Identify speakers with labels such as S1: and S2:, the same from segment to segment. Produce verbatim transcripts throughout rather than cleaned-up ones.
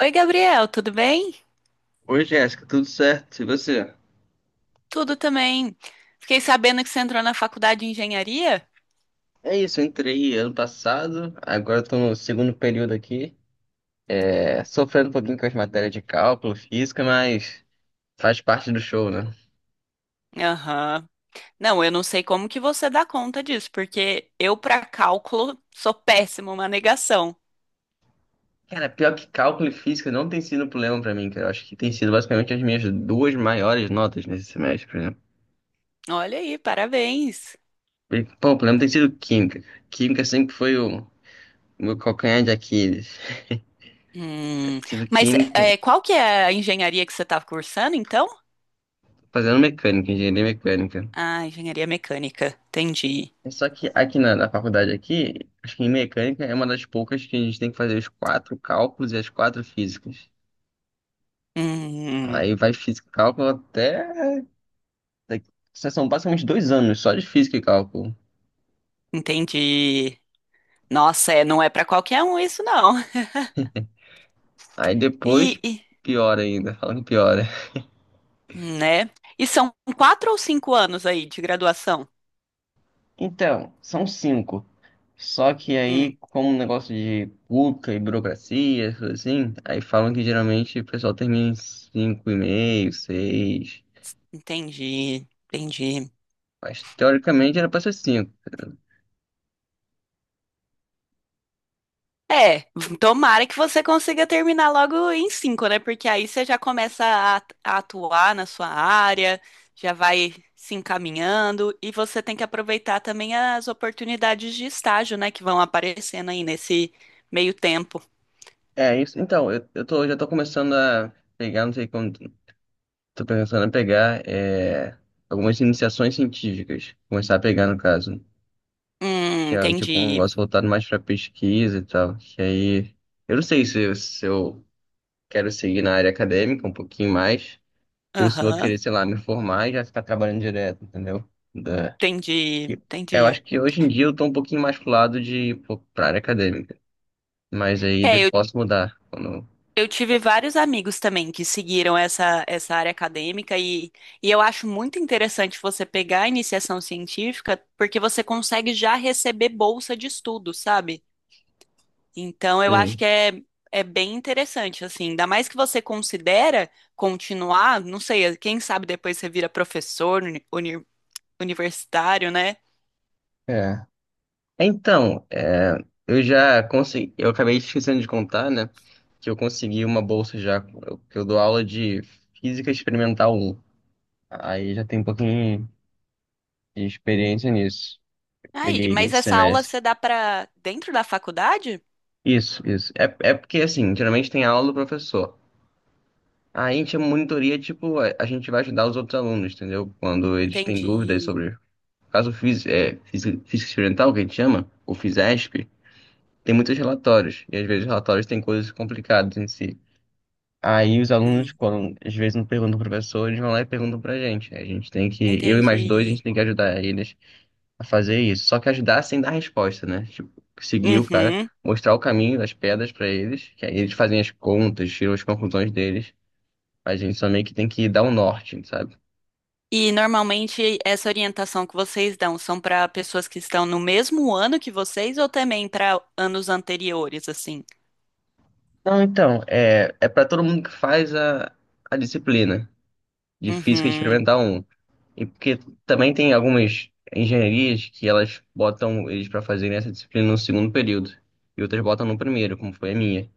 S1: Oi, Gabriel, tudo bem?
S2: Oi, Jéssica, tudo certo? E você?
S1: Tudo também. Fiquei sabendo que você entrou na faculdade de engenharia?
S2: É isso, eu entrei ano passado, agora estou no segundo período aqui. É, sofrendo um pouquinho com as matérias de cálculo, física, mas faz parte do show, né?
S1: Aham. Não, eu não sei como que você dá conta disso, porque eu, para cálculo, sou péssima, uma negação.
S2: Cara, pior que cálculo e física não tem sido um problema pra mim, cara. Eu acho que tem sido basicamente as minhas duas maiores notas nesse semestre, por exemplo.
S1: Olha aí, parabéns.
S2: E, pô, o problema tem sido química. Química sempre foi o o meu calcanhar de Aquiles.
S1: Hum,
S2: Tem sido
S1: mas
S2: química,
S1: é, qual que é a engenharia que você estava cursando, então?
S2: fazendo mecânica, engenharia mecânica.
S1: Ah, engenharia mecânica, entendi.
S2: É. Só que aqui na, na faculdade aqui, acho que em mecânica é uma das poucas que a gente tem que fazer os quatro cálculos e as quatro físicas.
S1: Hum,
S2: Aí vai física e cálculo até. daqui- São basicamente dois anos só de física e cálculo.
S1: entendi. Nossa, é, não é para qualquer um isso, não.
S2: Aí depois,
S1: E, e-
S2: pior ainda, falando que piora.
S1: Né? E são quatro ou cinco anos aí de graduação.
S2: Então, são cinco. Só que
S1: Hum,
S2: aí, como um negócio de pública e burocracia, essas coisas assim, aí falam que geralmente o pessoal termina em cinco e meio, seis.
S1: entendi, entendi.
S2: Mas teoricamente era pra ser cinco.
S1: É, tomara que você consiga terminar logo em cinco, né? Porque aí você já começa a a atuar na sua área, já vai se encaminhando e você tem que aproveitar também as oportunidades de estágio, né? Que vão aparecendo aí nesse meio tempo.
S2: É isso. Então, eu, eu tô, já tô começando a pegar, não sei como, tô pensando em pegar é, algumas iniciações científicas. Começar a pegar, no caso.
S1: Hum,
S2: Que é tipo um
S1: entendi.
S2: negócio voltado mais pra pesquisa e tal. Que aí, eu não sei se, eu- se eu quero seguir na área acadêmica um pouquinho mais, ou se eu vou
S1: Aham,
S2: querer, sei lá, me formar e já ficar trabalhando direto, entendeu? Da,
S1: entendi,
S2: que- eu
S1: entendi.
S2: acho que hoje em dia eu tô um pouquinho mais pro lado de, pô, pra área acadêmica. Mas aí de-
S1: É, eu
S2: posso mudar quando.
S1: Eu tive vários amigos também que seguiram essa, essa área acadêmica e, e eu acho muito interessante você pegar a iniciação científica porque você consegue já receber bolsa de estudo, sabe? Então eu acho
S2: Sim.
S1: que é, é bem interessante, assim, ainda mais que você considera continuar, não sei, quem sabe depois você vira professor uni- uni- universitário, né?
S2: Então, é, eu já consegui, eu acabei esquecendo de contar, né? Que eu consegui uma bolsa já, eu- que eu dou aula de Física Experimental um. Aí já tem um pouquinho de experiência nisso.
S1: Aí,
S2: Peguei
S1: mas
S2: esse
S1: essa aula
S2: semestre.
S1: você dá para dentro da faculdade?
S2: Isso, isso. É, é porque, assim, geralmente tem aula do professor. Aí a gente é monitoria, tipo, a a gente vai ajudar os outros alunos, entendeu? Quando eles têm dúvidas
S1: Entendi.
S2: sobre, no caso físico, é, física, física experimental, que a gente chama, o FISESP, tem muitos relatórios. E às vezes os relatórios têm coisas complicadas em si. Aí os alunos,
S1: Uhum.
S2: quando às vezes não perguntam pro professor, eles vão lá e perguntam pra gente, né? A gente tem que, eu e mais dois, a gente
S1: Entendi.
S2: tem que ajudar eles a fazer isso. Só que ajudar sem dar resposta, né? Tipo, seguir o cara,
S1: Uhum.
S2: mostrar o caminho das pedras pra eles, que aí eles fazem as contas, tiram as conclusões deles. A gente só meio que tem que dar o norte, sabe?
S1: E normalmente essa orientação que vocês dão são para pessoas que estão no mesmo ano que vocês ou também para anos anteriores, assim?
S2: Não, então, é, é para todo mundo que faz a, a disciplina de Física
S1: Uhum,
S2: Experimental um. E porque também tem algumas engenharias que elas botam eles para fazerem essa disciplina no segundo período e outras botam no primeiro, como foi a minha.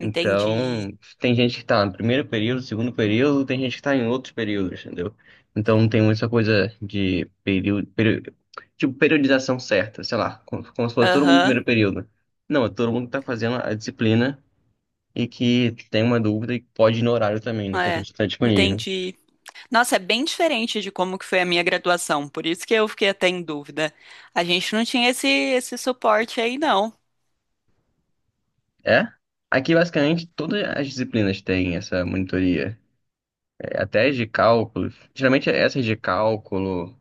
S1: entendi.
S2: Então, tem gente que está no primeiro período, segundo período, tem gente que está em outros períodos, entendeu? Então, não tem muita coisa de período, período, tipo, periodização certa, sei lá, como, como se fosse todo mundo no
S1: Aham,
S2: primeiro período. Não, é todo mundo que está fazendo a disciplina e que tem uma dúvida e pode ir no horário também, né, que a gente
S1: é,
S2: está disponível.
S1: entendi. Nossa, é bem diferente de como que foi a minha graduação, por isso que eu fiquei até em dúvida. A gente não tinha esse, esse suporte aí, não.
S2: É? Aqui, basicamente, todas as disciplinas têm essa monitoria. É, até as de cálculo. Geralmente, essas de cálculo,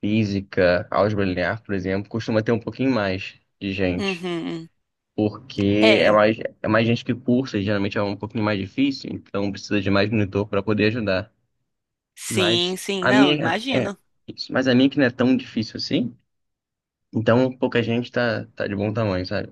S2: física, álgebra linear, por exemplo, costuma ter um pouquinho mais de gente.
S1: Uhum.
S2: Porque é
S1: É,
S2: mais, é mais gente que cursa, e geralmente é um pouquinho mais difícil, então precisa de mais monitor para poder ajudar. Mas
S1: sim, sim,
S2: a
S1: não,
S2: minha é
S1: imagino.
S2: isso. Mas a minha que não é tão difícil assim, então pouca gente tá, tá de bom tamanho, sabe?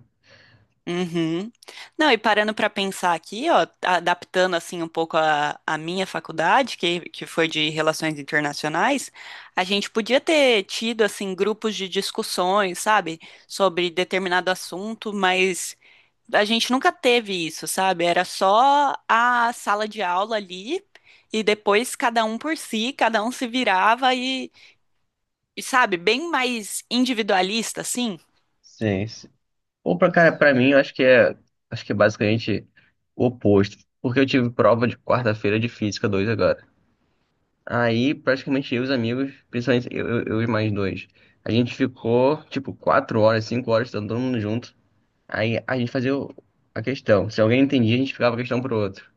S1: Uhum. Não, e parando para pensar aqui, ó, adaptando assim um pouco a, a minha faculdade, que, que foi de Relações Internacionais, a gente podia ter tido assim grupos de discussões, sabe, sobre determinado assunto, mas a gente nunca teve isso, sabe? Era só a sala de aula ali e depois cada um por si, cada um se virava e, e sabe, bem mais individualista, assim.
S2: Sim. Opa, cara, pra mim, eu acho que é, acho que é basicamente o oposto, porque eu tive prova de quarta-feira de Física dois agora. Aí, praticamente, eu e os amigos, principalmente eu, eu eu e mais dois, a gente ficou, tipo, quatro horas, cinco horas, estando todo mundo junto. Aí, a gente fazia o- a questão. Se alguém entendia, a gente ficava a questão pro outro.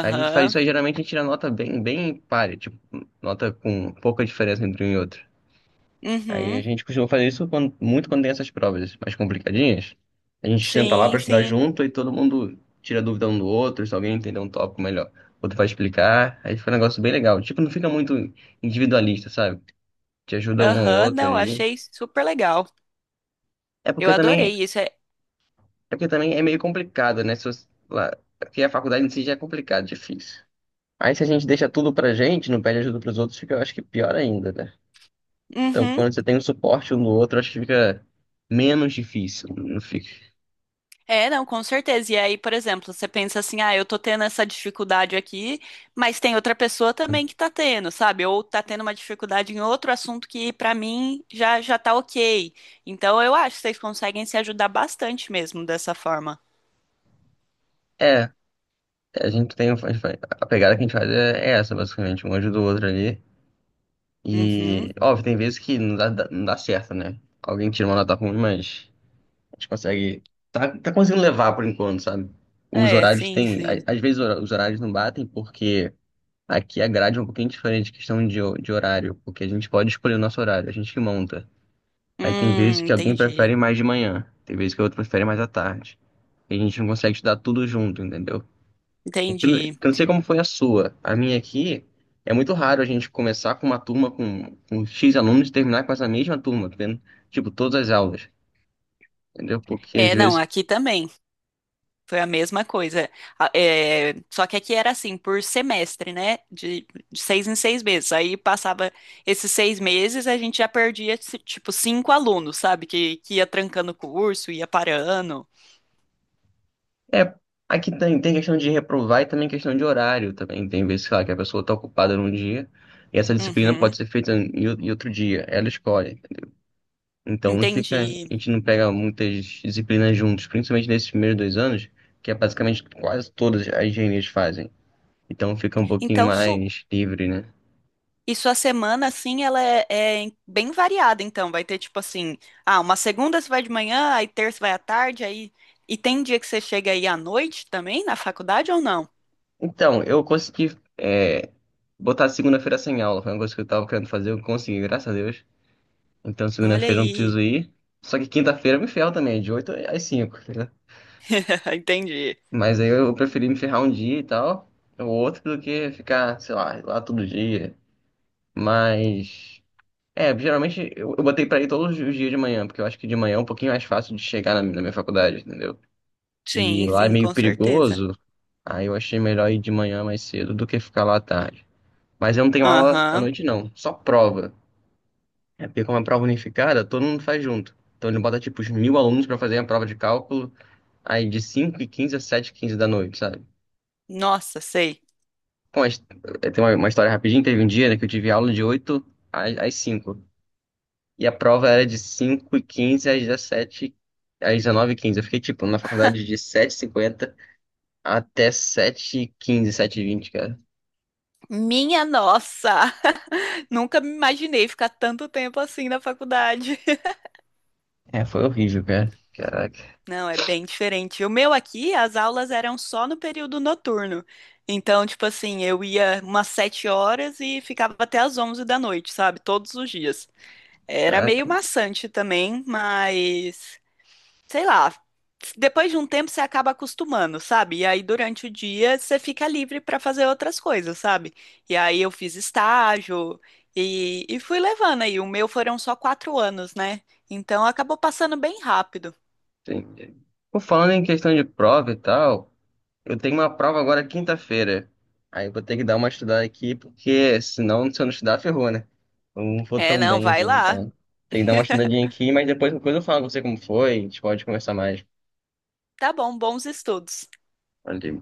S2: Aí a gente faz isso aí, geralmente, a gente tira nota bem, bem páreo, tipo, nota com pouca diferença entre um e outro. Aí a
S1: Uhum.
S2: gente costuma fazer isso quando- muito quando tem essas provas mais complicadinhas. A gente senta lá para
S1: Sim,
S2: estudar
S1: sim.
S2: junto e todo mundo tira dúvida um do outro, se alguém entender um tópico melhor, o outro vai explicar. Aí fica um negócio bem legal. Tipo, não fica muito individualista, sabe? Te ajuda um ao
S1: Aham,
S2: outro
S1: não,
S2: ali.
S1: achei super legal.
S2: É
S1: Eu
S2: porque também,
S1: adorei isso. É...
S2: é porque também é meio complicado, né? Se você, lá, porque a faculdade em si já é complicado, difícil. Aí se a gente deixa tudo pra gente, não pede ajuda pros outros, fica, eu acho que pior ainda, né? Então,
S1: Uhum.
S2: quando você tem um suporte um do outro, acho que fica menos difícil, não fica.
S1: É, não, com certeza. E aí, por exemplo, você pensa assim, ah, eu tô tendo essa dificuldade aqui, mas tem outra pessoa também que tá tendo, sabe? Ou tá tendo uma dificuldade em outro assunto que pra mim já já tá ok. Então eu acho que vocês conseguem se ajudar bastante mesmo dessa forma.
S2: É, a gente tem. A pegada que a gente faz é é essa, basicamente. Um ajuda o outro ali. E,
S1: Uhum.
S2: óbvio, tem vezes que não dá, dá- não dá certo, né? Alguém tira uma nota ruim, mas a gente consegue. Tá, tá conseguindo levar por enquanto, sabe? Os
S1: É,
S2: horários
S1: sim,
S2: tem.
S1: sim.
S2: a- Às vezes hora- os horários não batem porque aqui a grade é um pouquinho diferente, questão de, ho- de horário, porque a gente pode escolher o nosso horário, a gente que monta. Aí tem vezes
S1: Hum,
S2: que alguém
S1: entendi.
S2: prefere mais de manhã, tem vezes que o outro prefere mais à tarde. E a gente não consegue estudar tudo junto, entendeu? Porque
S1: Entendi.
S2: eu não sei como foi a sua. A minha aqui é muito raro a gente começar com uma turma com, com X alunos e terminar com essa mesma turma, tá vendo? Tipo, todas as aulas, entendeu? Porque às
S1: É, não,
S2: vezes.
S1: aqui também. Foi a mesma coisa. A- é, só que aqui era assim, por semestre, né? De, de seis em seis meses. Aí passava esses seis meses, a gente já perdia, ci- tipo, cinco alunos, sabe? Que, que ia trancando o curso, ia parando.
S2: É, aqui tem, tem questão de reprovar e também questão de horário também. Tem vezes, sei lá, que a pessoa está ocupada num dia e essa disciplina pode
S1: Uhum,
S2: ser feita em, o- em outro dia, ela escolhe. Então não fica, a
S1: entendi.
S2: gente não pega muitas disciplinas juntos, principalmente nesses primeiros dois anos, que é basicamente quase todas as engenharias fazem. Então fica um pouquinho
S1: Então, su,
S2: mais livre, né?
S1: e sua semana, assim, ela é, é em- bem variada, então. Vai ter, tipo assim, ah, uma segunda você vai de manhã, aí terça vai à tarde, aí... E tem dia que você chega aí à noite também, na faculdade ou não?
S2: Então, eu consegui é, botar segunda-feira sem aula. Foi uma coisa que eu tava querendo fazer, eu consegui, graças a Deus. Então,
S1: Olha
S2: segunda-feira eu não
S1: aí.
S2: preciso ir. Só que quinta-feira eu me ferro também, de oito às cinco, né?
S1: Entendi.
S2: Mas aí eu preferi me ferrar um dia e tal, ou outro, do que ficar, sei lá, lá todo dia. Mas, é, geralmente eu, eu botei pra ir todos os dias de manhã, porque eu acho que de manhã é um pouquinho mais fácil de chegar na, na minha faculdade, entendeu? E
S1: Sim,
S2: lá é
S1: sim,
S2: meio
S1: com certeza.
S2: perigoso, aí eu achei melhor ir de manhã mais cedo do que ficar lá à tarde. Mas eu não tenho aula à
S1: Aham.
S2: noite, não. Só prova. É porque como é prova unificada, todo mundo faz junto. Então ele bota, tipo, os mil alunos pra fazer a prova de cálculo, aí de cinco e quinze a sete h quinze da noite, sabe?
S1: Nossa, sei.
S2: Bom, mas, eh, tem uma, uma história rapidinha. Teve um dia, né, que eu tive aula de oito às, às cinco. E a prova era de cinco e quinze às dezessete, às dezenove h quinze. Eu fiquei, tipo, na faculdade de sete h cinquenta até sete h quinze sete e vinte, cara.
S1: Minha nossa! Nunca me imaginei ficar tanto tempo assim na faculdade.
S2: É, foi horrível, cara. Caraca,
S1: Não, é bem diferente. O meu aqui, as aulas eram só no período noturno. Então, tipo assim, eu ia umas sete horas e ficava até as onze da noite, sabe? Todos os dias. Era meio
S2: caraca.
S1: maçante também, mas sei lá, depois de um tempo você acaba acostumando, sabe? E aí durante o dia você fica livre para fazer outras coisas, sabe? E aí eu fiz estágio e, e fui levando aí. O meu foram só quatro anos, né? Então acabou passando bem rápido.
S2: Sim. Pô, falando em questão de prova e tal, eu tenho uma prova agora quinta-feira. Aí eu vou ter que dar uma estudada aqui, porque senão, se eu não estudar, ferrou, né? Eu não vou
S1: É,
S2: tão
S1: não,
S2: bem
S1: vai
S2: assim,
S1: lá.
S2: então. Tem que dar uma estudadinha aqui, mas depois qualquer coisa eu falo com você como foi, a gente pode conversar mais.
S1: Tá bom, bons estudos.
S2: Valeu.